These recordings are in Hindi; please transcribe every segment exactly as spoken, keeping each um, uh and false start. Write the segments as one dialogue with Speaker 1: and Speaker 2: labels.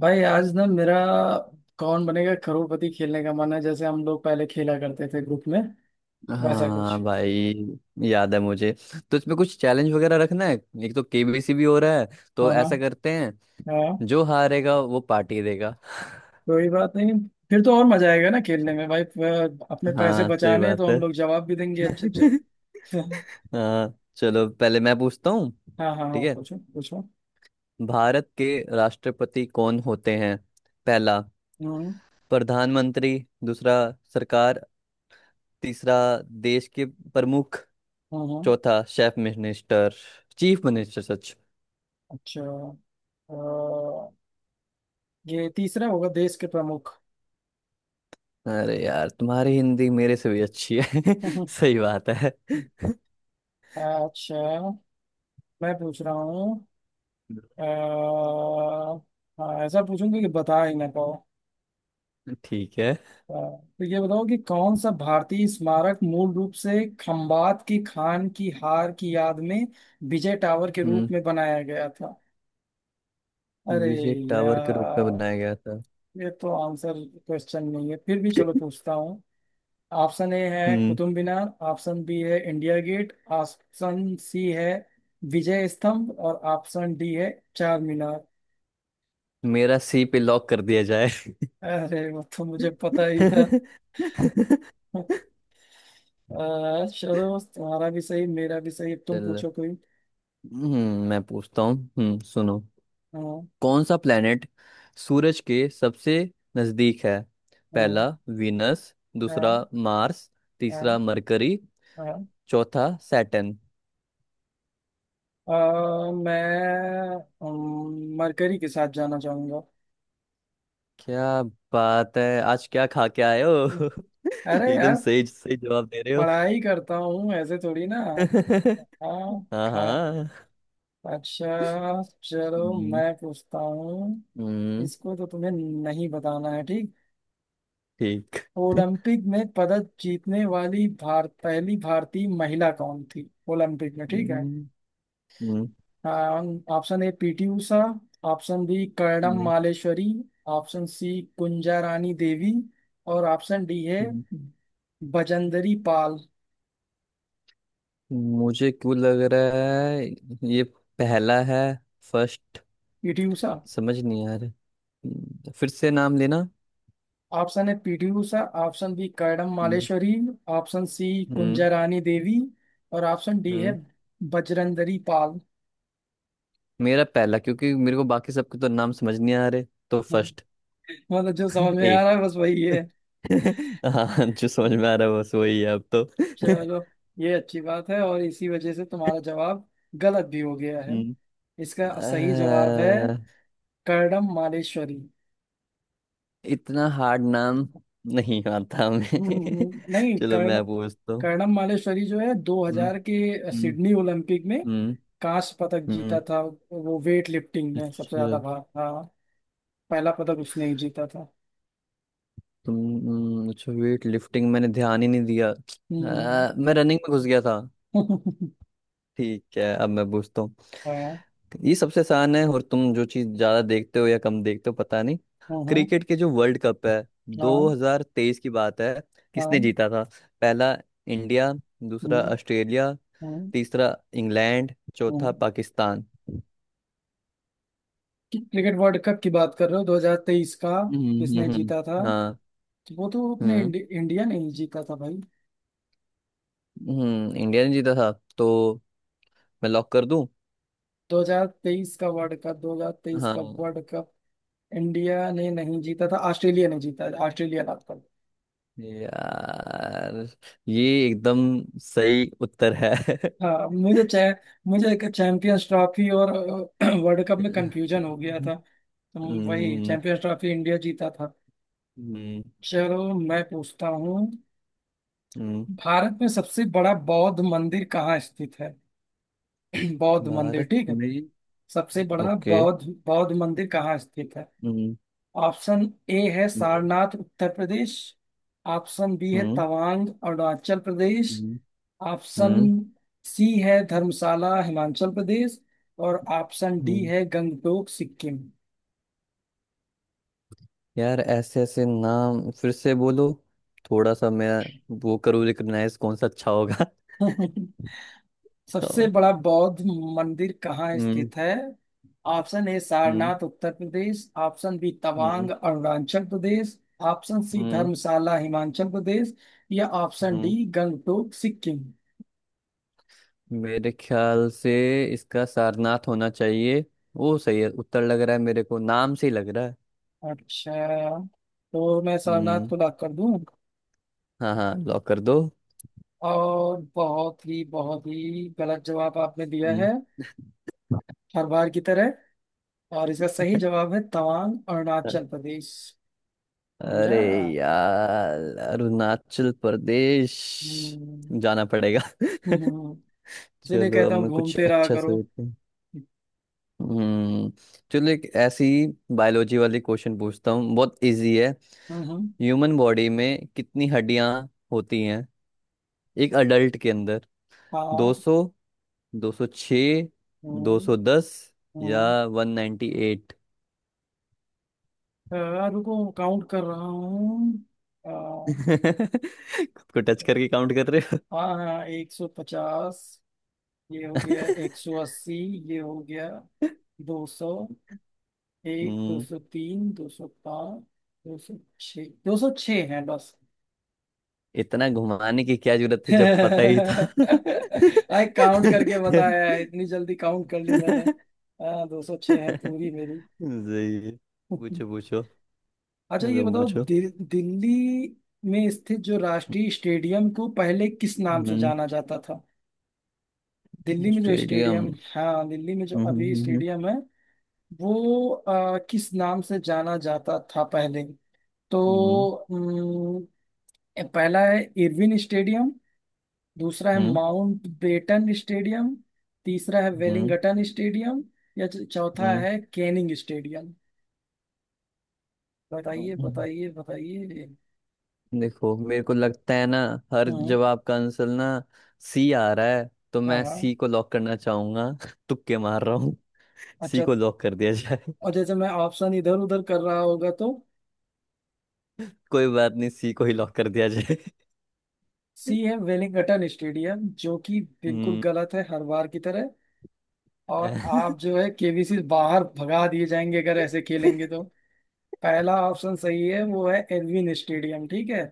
Speaker 1: भाई आज ना मेरा कौन बनेगा करोड़पति खेलने का मन है, जैसे हम लोग पहले खेला करते थे ग्रुप में वैसा कुछ।
Speaker 2: हाँ भाई, याद है मुझे। तो इसमें कुछ चैलेंज वगैरह रखना है। एक तो के बी सी भी हो रहा है, तो
Speaker 1: हाँ हाँ
Speaker 2: ऐसा करते हैं
Speaker 1: हाँ,
Speaker 2: जो हारेगा वो पार्टी देगा।
Speaker 1: कोई बात नहीं। फिर तो और मजा आएगा ना खेलने में भाई। प- अपने पैसे
Speaker 2: हाँ, सही
Speaker 1: बचाने हैं, तो
Speaker 2: बात
Speaker 1: हम
Speaker 2: है।
Speaker 1: लोग जवाब भी देंगे अच्छे अच्छे।
Speaker 2: हाँ चलो, पहले मैं पूछता हूँ।
Speaker 1: हाँ हाँ हाँ,
Speaker 2: ठीक है।
Speaker 1: पूछो पूछो।
Speaker 2: भारत के राष्ट्रपति कौन होते हैं? पहला,
Speaker 1: हम्म।
Speaker 2: प्रधानमंत्री। दूसरा, सरकार। तीसरा, देश के प्रमुख।
Speaker 1: हम्म। हम्म।
Speaker 2: चौथा, शेफ मिनिस्टर चीफ मिनिस्टर।
Speaker 1: अच्छा। अ, ये तीसरा होगा, देश के प्रमुख।
Speaker 2: अरे यार, तुम्हारी हिंदी मेरे से भी अच्छी है। सही बात है।
Speaker 1: अच्छा, मैं पूछ रहा हूँ। अ, हाँ, ऐसा पूछूंगी कि बता ही ना पाओ।
Speaker 2: ठीक है।
Speaker 1: अ, तो ये बताओ कि कौन सा भारतीय स्मारक मूल रूप से खंबात की खान की हार की याद में विजय टावर के रूप
Speaker 2: हम्म।
Speaker 1: में बनाया गया था। अरे
Speaker 2: विजय टावर के रूप में बनाया
Speaker 1: यार,
Speaker 2: गया था।
Speaker 1: ये तो आंसर, क्वेश्चन नहीं है, फिर भी चलो पूछता हूँ। ऑप्शन ए है
Speaker 2: हम्म
Speaker 1: कुतुब मीनार, ऑप्शन बी है इंडिया गेट, ऑप्शन सी है विजय स्तंभ, और ऑप्शन डी है चार मीनार।
Speaker 2: मेरा सी पे लॉक कर दिया जाए।
Speaker 1: अरे, वो तो मुझे पता ही था। अ, चलो, तुम्हारा भी सही मेरा भी सही, अब तुम
Speaker 2: चल।
Speaker 1: पूछो कोई।
Speaker 2: हम्म मैं पूछता हूँ। हम्म सुनो।
Speaker 1: हाँ।
Speaker 2: कौन सा प्लेनेट सूरज के सबसे नजदीक है?
Speaker 1: हाँ।
Speaker 2: पहला, वीनस।
Speaker 1: हाँ।
Speaker 2: दूसरा, मार्स। तीसरा,
Speaker 1: हाँ।
Speaker 2: मरकरी।
Speaker 1: हाँ।
Speaker 2: चौथा, सैटर्न।
Speaker 1: अ, मैं मरकरी के साथ जाना चाहूंगा।
Speaker 2: क्या बात है! आज क्या खा के आए हो?
Speaker 1: अरे
Speaker 2: एकदम
Speaker 1: यार,
Speaker 2: सही सही जवाब दे रहे हो।
Speaker 1: पढ़ाई करता हूँ ऐसे थोड़ी ना। हाँ
Speaker 2: हाँ
Speaker 1: खा।
Speaker 2: हाँ।
Speaker 1: अच्छा चलो,
Speaker 2: हम्म।
Speaker 1: मैं पूछता हूँ।
Speaker 2: हम्म।
Speaker 1: इसको तो तुम्हें नहीं बताना है, ठीक।
Speaker 2: ठीक।
Speaker 1: ओलंपिक में पदक जीतने वाली भार, पहली भारतीय महिला कौन थी ओलंपिक में, ठीक है।
Speaker 2: हम्म। हम्म।
Speaker 1: Option A PT Usha, option B Karnam
Speaker 2: हम्म।
Speaker 1: मालेश्वरी, ऑप्शन सी कुंजा रानी देवी, और ऑप्शन डी है
Speaker 2: हम्म,
Speaker 1: बजंदरी पाल।
Speaker 2: मुझे क्यों लग रहा है ये पहला है? फर्स्ट।
Speaker 1: पीटी उषा।
Speaker 2: समझ नहीं आ रहा। हम्म, फिर से नाम लेना।
Speaker 1: ऑप्शन है पीटी उषा, ऑप्शन बी कर्णम
Speaker 2: हम्म।
Speaker 1: मालेश्वरी, ऑप्शन सी
Speaker 2: हम्म।
Speaker 1: कुंजा रानी देवी, और ऑप्शन डी है
Speaker 2: हम्म,
Speaker 1: बजरंदरी पाल।
Speaker 2: मेरा पहला, क्योंकि मेरे को बाकी सबके तो नाम समझ नहीं आ रहे। तो
Speaker 1: हाँ,
Speaker 2: फर्स्ट,
Speaker 1: मतलब जो समझ में
Speaker 2: ए।
Speaker 1: आ रहा है बस वही है।
Speaker 2: हाँ, जो समझ में आ रहा है बस वही है अब तो।
Speaker 1: चलो, ये अच्छी बात है, और इसी वजह से तुम्हारा जवाब गलत भी हो गया है।
Speaker 2: हम्म,
Speaker 1: इसका सही जवाब है
Speaker 2: अ,
Speaker 1: कर्णम मालेश्वरी।
Speaker 2: इतना हार्ड नाम नहीं आता
Speaker 1: हम्म। हम्म।
Speaker 2: हमें।
Speaker 1: हम्म। नहीं,
Speaker 2: चलो,
Speaker 1: कर्ण
Speaker 2: मैं पूछता हूँ।
Speaker 1: कर्णम मालेश्वरी जो है
Speaker 2: हम्म।
Speaker 1: दो हज़ार के
Speaker 2: हम्म।
Speaker 1: सिडनी ओलंपिक में
Speaker 2: हम्म।
Speaker 1: कांस्य पदक जीता
Speaker 2: हम्म,
Speaker 1: था, वो वेट लिफ्टिंग में सबसे
Speaker 2: अच्छा।
Speaker 1: ज्यादा भाग। हाँ, पहला पदक उसने ही जीता था।
Speaker 2: तुम। हम्म, अच्छा, वेट लिफ्टिंग मैंने ध्यान ही नहीं दिया। अ,
Speaker 1: हम्म।
Speaker 2: मैं रनिंग में घुस गया था। ठीक है, अब मैं पूछता हूँ।
Speaker 1: हाँ।
Speaker 2: ये सबसे आसान है, और तुम जो चीज ज्यादा देखते हो या कम देखते हो पता नहीं।
Speaker 1: हाँ।
Speaker 2: क्रिकेट के जो वर्ल्ड कप है,
Speaker 1: हाँ।
Speaker 2: दो हज़ार तेईस की बात है, किसने
Speaker 1: हाँ।
Speaker 2: जीता था? पहला, इंडिया। दूसरा,
Speaker 1: हम्म।
Speaker 2: ऑस्ट्रेलिया।
Speaker 1: हम्म।
Speaker 2: तीसरा, इंग्लैंड। चौथा,
Speaker 1: हम्म।
Speaker 2: पाकिस्तान।
Speaker 1: क्रिकेट वर्ल्ड कप की बात कर रहे हो, दो हज़ार तेईस का,
Speaker 2: हम्म। हम्म।
Speaker 1: किसने
Speaker 2: हम्म।
Speaker 1: जीता था।
Speaker 2: हम्म। हाँ।
Speaker 1: तो वो तो अपने
Speaker 2: हम्म।
Speaker 1: इंडि, इंडिया ने ही जीता था भाई।
Speaker 2: हम्म इंडिया ने जीता था। तो मैं लॉक कर दूं?
Speaker 1: दो हज़ार तेईस का वर्ल्ड कप, दो हज़ार तेईस
Speaker 2: हाँ।
Speaker 1: का वर्ल्ड कप इंडिया ने नहीं जीता था, ऑस्ट्रेलिया ने जीता है, ऑस्ट्रेलिया लाभ पर।
Speaker 2: यार, ये एकदम सही उत्तर है।
Speaker 1: हाँ, मुझे चै, मुझे एक चैंपियंस ट्रॉफी और वर्ल्ड कप में कंफ्यूजन हो गया
Speaker 2: हम्म।
Speaker 1: था, तो वही
Speaker 2: हम्म।
Speaker 1: चैंपियंस ट्रॉफी इंडिया जीता था। चलो, मैं पूछता हूँ।
Speaker 2: हम्म,
Speaker 1: भारत में सबसे बड़ा बौद्ध मंदिर कहाँ स्थित है। बौद्ध मंदिर,
Speaker 2: भारत
Speaker 1: ठीक है।
Speaker 2: में।
Speaker 1: सबसे बड़ा
Speaker 2: ओके।
Speaker 1: बौद्ध बौद्ध मंदिर कहाँ स्थित है।
Speaker 2: हम्म।
Speaker 1: ऑप्शन ए है
Speaker 2: हम्म।
Speaker 1: सारनाथ उत्तर प्रदेश, ऑप्शन बी है
Speaker 2: हम्म।
Speaker 1: तवांग अरुणाचल प्रदेश,
Speaker 2: हम्म।
Speaker 1: ऑप्शन
Speaker 2: हम्म।
Speaker 1: सी है धर्मशाला हिमाचल प्रदेश, और ऑप्शन डी
Speaker 2: हम्म।
Speaker 1: है गंगटोक सिक्किम।
Speaker 2: यार, ऐसे ऐसे नाम फिर से बोलो, थोड़ा सा मैं वो करूँ रिकग्नाइज कौन सा अच्छा होगा।
Speaker 1: सबसे
Speaker 2: और।
Speaker 1: बड़ा बौद्ध मंदिर कहाँ
Speaker 2: हम्म।
Speaker 1: स्थित है। ऑप्शन ए
Speaker 2: हम्म।
Speaker 1: सारनाथ उत्तर प्रदेश, ऑप्शन बी तवांग
Speaker 2: हम्म।
Speaker 1: अरुणाचल प्रदेश, ऑप्शन सी
Speaker 2: हम्म।
Speaker 1: धर्मशाला हिमाचल प्रदेश, या ऑप्शन
Speaker 2: हम्म।
Speaker 1: डी गंगटोक सिक्किम।
Speaker 2: मेरे ख्याल से इसका सारनाथ होना चाहिए। वो सही है उत्तर, लग रहा है मेरे को, नाम से ही लग रहा है।
Speaker 1: अच्छा, तो मैं सारनाथ
Speaker 2: हम्म।
Speaker 1: को लॉक कर दूं।
Speaker 2: हाँ हाँ, लॉक कर दो।
Speaker 1: और बहुत ही बहुत ही गलत जवाब आपने दिया
Speaker 2: हम्म।
Speaker 1: है, हर बार की तरह। और इसका सही जवाब है तवांग अरुणाचल प्रदेश। समझा।
Speaker 2: अरे यार, अरुणाचल प्रदेश
Speaker 1: हम्म।
Speaker 2: जाना पड़ेगा।
Speaker 1: हम्म। हम्म। हम्म। इसीलिए
Speaker 2: चलो, अब
Speaker 1: कहता हूँ,
Speaker 2: मैं कुछ
Speaker 1: घूमते रहा
Speaker 2: अच्छा
Speaker 1: करो।
Speaker 2: सोचती हूँ। हम्म चलो, एक ऐसी बायोलॉजी वाली क्वेश्चन पूछता हूँ, बहुत इजी है।
Speaker 1: हम्म। हम्म।
Speaker 2: ह्यूमन बॉडी में कितनी हड्डियां होती हैं, एक अडल्ट के अंदर?
Speaker 1: हाँ।
Speaker 2: दो सौ, दो सौ छः,
Speaker 1: हम्म।
Speaker 2: दो सौ दस या
Speaker 1: हम्म।
Speaker 2: One hundred ninety eight?
Speaker 1: अ, रुको काउंट कर रहा हूँ। अ,
Speaker 2: खुद को टच करके काउंट कर रहे हो?
Speaker 1: हाँ हाँ, एक सौ पचास। ये हो गया एक सौ अस्सी। ये हो गया दो सौ एक, दो सौ तीन दो सौ पाँच, दो सौ छः। दो सौ छः है बस।
Speaker 2: इतना घुमाने की क्या जरूरत थी जब पता ही था!
Speaker 1: आई काउंट करके बताया है, इतनी जल्दी काउंट कर ली मैंने। हाँ, दो सौ छः है पूरी मेरी।
Speaker 2: सही है। पूछो पूछो।
Speaker 1: अच्छा, ये
Speaker 2: तुम
Speaker 1: बताओ,
Speaker 2: पूछो।
Speaker 1: दिल, दिल्ली में स्थित जो राष्ट्रीय स्टेडियम को पहले किस नाम से
Speaker 2: हम्म।
Speaker 1: जाना जाता था। दिल्ली में जो
Speaker 2: स्टेडियम।
Speaker 1: स्टेडियम, हाँ दिल्ली में जो
Speaker 2: हम्म।
Speaker 1: अभी
Speaker 2: हम्म।
Speaker 1: स्टेडियम है, वो अ, किस नाम से जाना जाता था पहले। तो
Speaker 2: हम्म।
Speaker 1: अम, पहला है इरविन स्टेडियम, दूसरा है
Speaker 2: हम्म।
Speaker 1: माउंट बेटन स्टेडियम, तीसरा है
Speaker 2: हम्म।
Speaker 1: वेलिंगटन स्टेडियम, या च- चौथा
Speaker 2: हम्म।
Speaker 1: है कैनिंग स्टेडियम। बताइए
Speaker 2: हम्म।
Speaker 1: बताइए बताइए।
Speaker 2: देखो, मेरे को लगता है ना, हर
Speaker 1: हम्म।
Speaker 2: जवाब का आंसर ना सी आ रहा है, तो
Speaker 1: हाँ
Speaker 2: मैं
Speaker 1: हाँ।
Speaker 2: सी को लॉक करना चाहूंगा। तुक्के मार रहा हूँ। सी
Speaker 1: अच्छा।
Speaker 2: को लॉक कर दिया जाए।
Speaker 1: और जैसे मैं ऑप्शन इधर उधर कर रहा होगा तो
Speaker 2: कोई बात नहीं, सी को ही लॉक कर दिया जाए।
Speaker 1: सी है वेलिंगटन स्टेडियम, जो कि बिल्कुल
Speaker 2: हम्म।
Speaker 1: गलत है, हर बार की तरह। और आप जो है केबीसी बाहर भगा दिए जाएंगे अगर ऐसे खेलेंगे तो। पहला ऑप्शन सही है, वो है एल्विन स्टेडियम, ठीक है।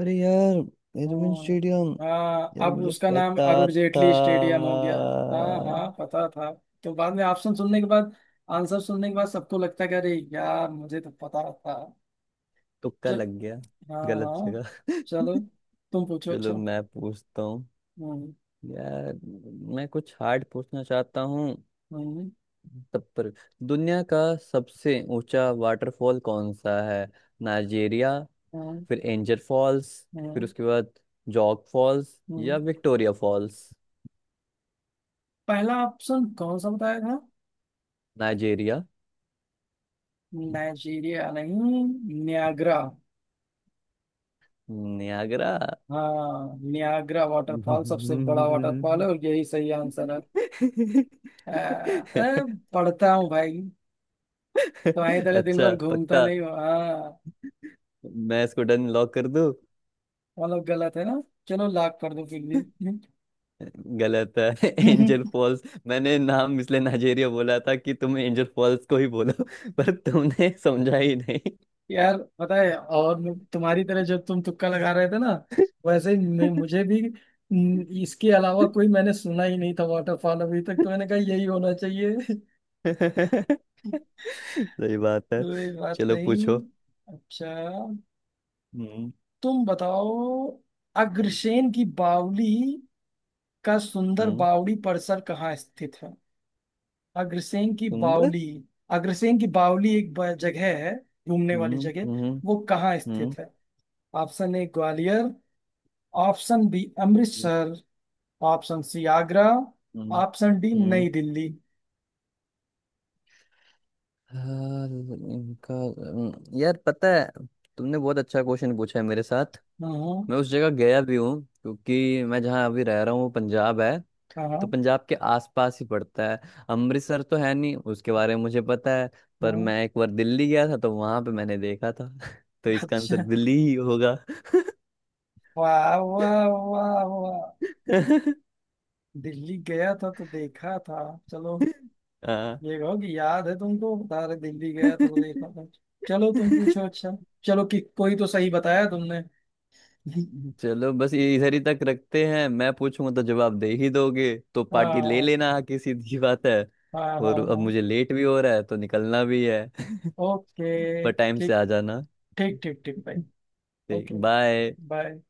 Speaker 2: अरे यार, एरविन
Speaker 1: हाँ,
Speaker 2: स्टेडियम!
Speaker 1: हाँ,
Speaker 2: यार,
Speaker 1: अब
Speaker 2: मुझे
Speaker 1: उसका नाम
Speaker 2: पता
Speaker 1: अरुण
Speaker 2: था।
Speaker 1: जेटली स्टेडियम हो गया। हाँ हाँ, पता था। तो बाद में ऑप्शन सुनने के बाद, आंसर सुनने के बाद, सबको लगता है कि अरे यार मुझे तो पता था।
Speaker 2: तुक्का
Speaker 1: चल।
Speaker 2: लग गया,
Speaker 1: हाँ
Speaker 2: गलत
Speaker 1: हाँ।
Speaker 2: जगह।
Speaker 1: चलो, तुम पूछो
Speaker 2: चलो,
Speaker 1: अच्छा।
Speaker 2: मैं पूछता हूँ।
Speaker 1: हम्म।
Speaker 2: यार, मैं कुछ हार्ड पूछना चाहता हूँ
Speaker 1: हम्म।
Speaker 2: तब पर। दुनिया का सबसे ऊंचा वाटरफॉल कौन सा है? नाइजेरिया,
Speaker 1: हम्म।
Speaker 2: फिर एंजर फॉल्स, फिर
Speaker 1: हम्म।
Speaker 2: उसके बाद जॉग फॉल्स या
Speaker 1: हम्म।
Speaker 2: Victoria false?
Speaker 1: पहला ऑप्शन कौन सा बताया था।
Speaker 2: नाइजेरिया?
Speaker 1: नाइजीरिया नहीं, नियाग्रा।
Speaker 2: नियागरा।
Speaker 1: हाँ, नियाग्रा वाटरफॉल सबसे बड़ा वाटरफॉल है, और यही सही आंसर है।
Speaker 2: अच्छा।
Speaker 1: अ, अ, पढ़ता हूँ भाई, तुम्हारी तरह दिन भर घूमता
Speaker 2: पक्का?
Speaker 1: नहीं हो। हाँ।
Speaker 2: मैं इसको डन लॉक कर दूं।
Speaker 1: मतलब गलत है ना। चलो लाख कर दो फिर भी।
Speaker 2: गलत है। Angel false! मैंने नाम इसलिए नाइजेरिया बोला था कि तुम एंजल फॉल्स को ही बोलो। पर तुमने समझा ही नहीं।
Speaker 1: यार, पता है, और मु- तुम्हारी तरह जब तुम तुक्का लगा रहे थे ना, वैसे ही मैं, मुझे भी न, इसके अलावा कोई मैंने सुना ही नहीं था वाटरफॉल अभी तक, तो मैंने कहा यही होना चाहिए।
Speaker 2: सही बात है।
Speaker 1: कोई बात
Speaker 2: चलो
Speaker 1: नहीं।
Speaker 2: पूछो।
Speaker 1: अच्छा,
Speaker 2: हम्म।
Speaker 1: तुम बताओ,
Speaker 2: हम्म।
Speaker 1: अग्रसेन की बावली का सुंदर
Speaker 2: हम्म।
Speaker 1: बावड़ी परिसर कहाँ स्थित है। अग्रसेन की
Speaker 2: सुंदर।
Speaker 1: बावली। अग्रसेन की बावली एक ब- जगह है, घूमने वाली
Speaker 2: हम्म।
Speaker 1: जगह।
Speaker 2: हम्म।
Speaker 1: वो कहाँ
Speaker 2: हम्म।
Speaker 1: स्थित है। Option A Gwalior, option B
Speaker 2: हम्म।
Speaker 1: Amritsar, option C Agra, option D
Speaker 2: हम्म।
Speaker 1: नई दिल्ली।
Speaker 2: हाँ, इनका अम, यार पता है, तुमने बहुत अच्छा क्वेश्चन पूछा है मेरे साथ।
Speaker 1: हम्म।
Speaker 2: मैं उस जगह गया भी हूँ, क्योंकि मैं जहाँ अभी रह रहा हूँ वो पंजाब है। तो
Speaker 1: हाँ।
Speaker 2: पंजाब के आसपास ही पड़ता है। अमृतसर तो है नहीं, उसके बारे में मुझे पता है। पर
Speaker 1: हम्म।
Speaker 2: मैं एक बार दिल्ली गया था, तो वहां पे मैंने देखा था। तो इसका आंसर
Speaker 1: अच्छा।
Speaker 2: दिल्ली ही होगा।
Speaker 1: वाह वाह। वाह वाह। दिल्ली गया था तो देखा था। चलो,
Speaker 2: हाँ।
Speaker 1: ये कहो कि याद है तुमको, बता रहे दिल्ली गया था तो देखा था। चलो, तुम पूछो अच्छा। चलो, कि कोई तो सही बताया तुमने।
Speaker 2: चलो बस ये इधर ही तक रखते हैं। मैं पूछूंगा तो जवाब दे ही दोगे, तो पार्टी ले
Speaker 1: हाँ
Speaker 2: लेना। हाँ, किसी की सीधी बात है।
Speaker 1: हाँ
Speaker 2: और
Speaker 1: हाँ
Speaker 2: अब
Speaker 1: हाँ।
Speaker 2: मुझे लेट भी हो रहा है, तो निकलना भी है।
Speaker 1: ओके
Speaker 2: पर टाइम से
Speaker 1: ठीक।
Speaker 2: आ जाना।
Speaker 1: ठीक ठीक ठीक भाई।
Speaker 2: ठीक।
Speaker 1: ओके।
Speaker 2: बाय।
Speaker 1: बाय।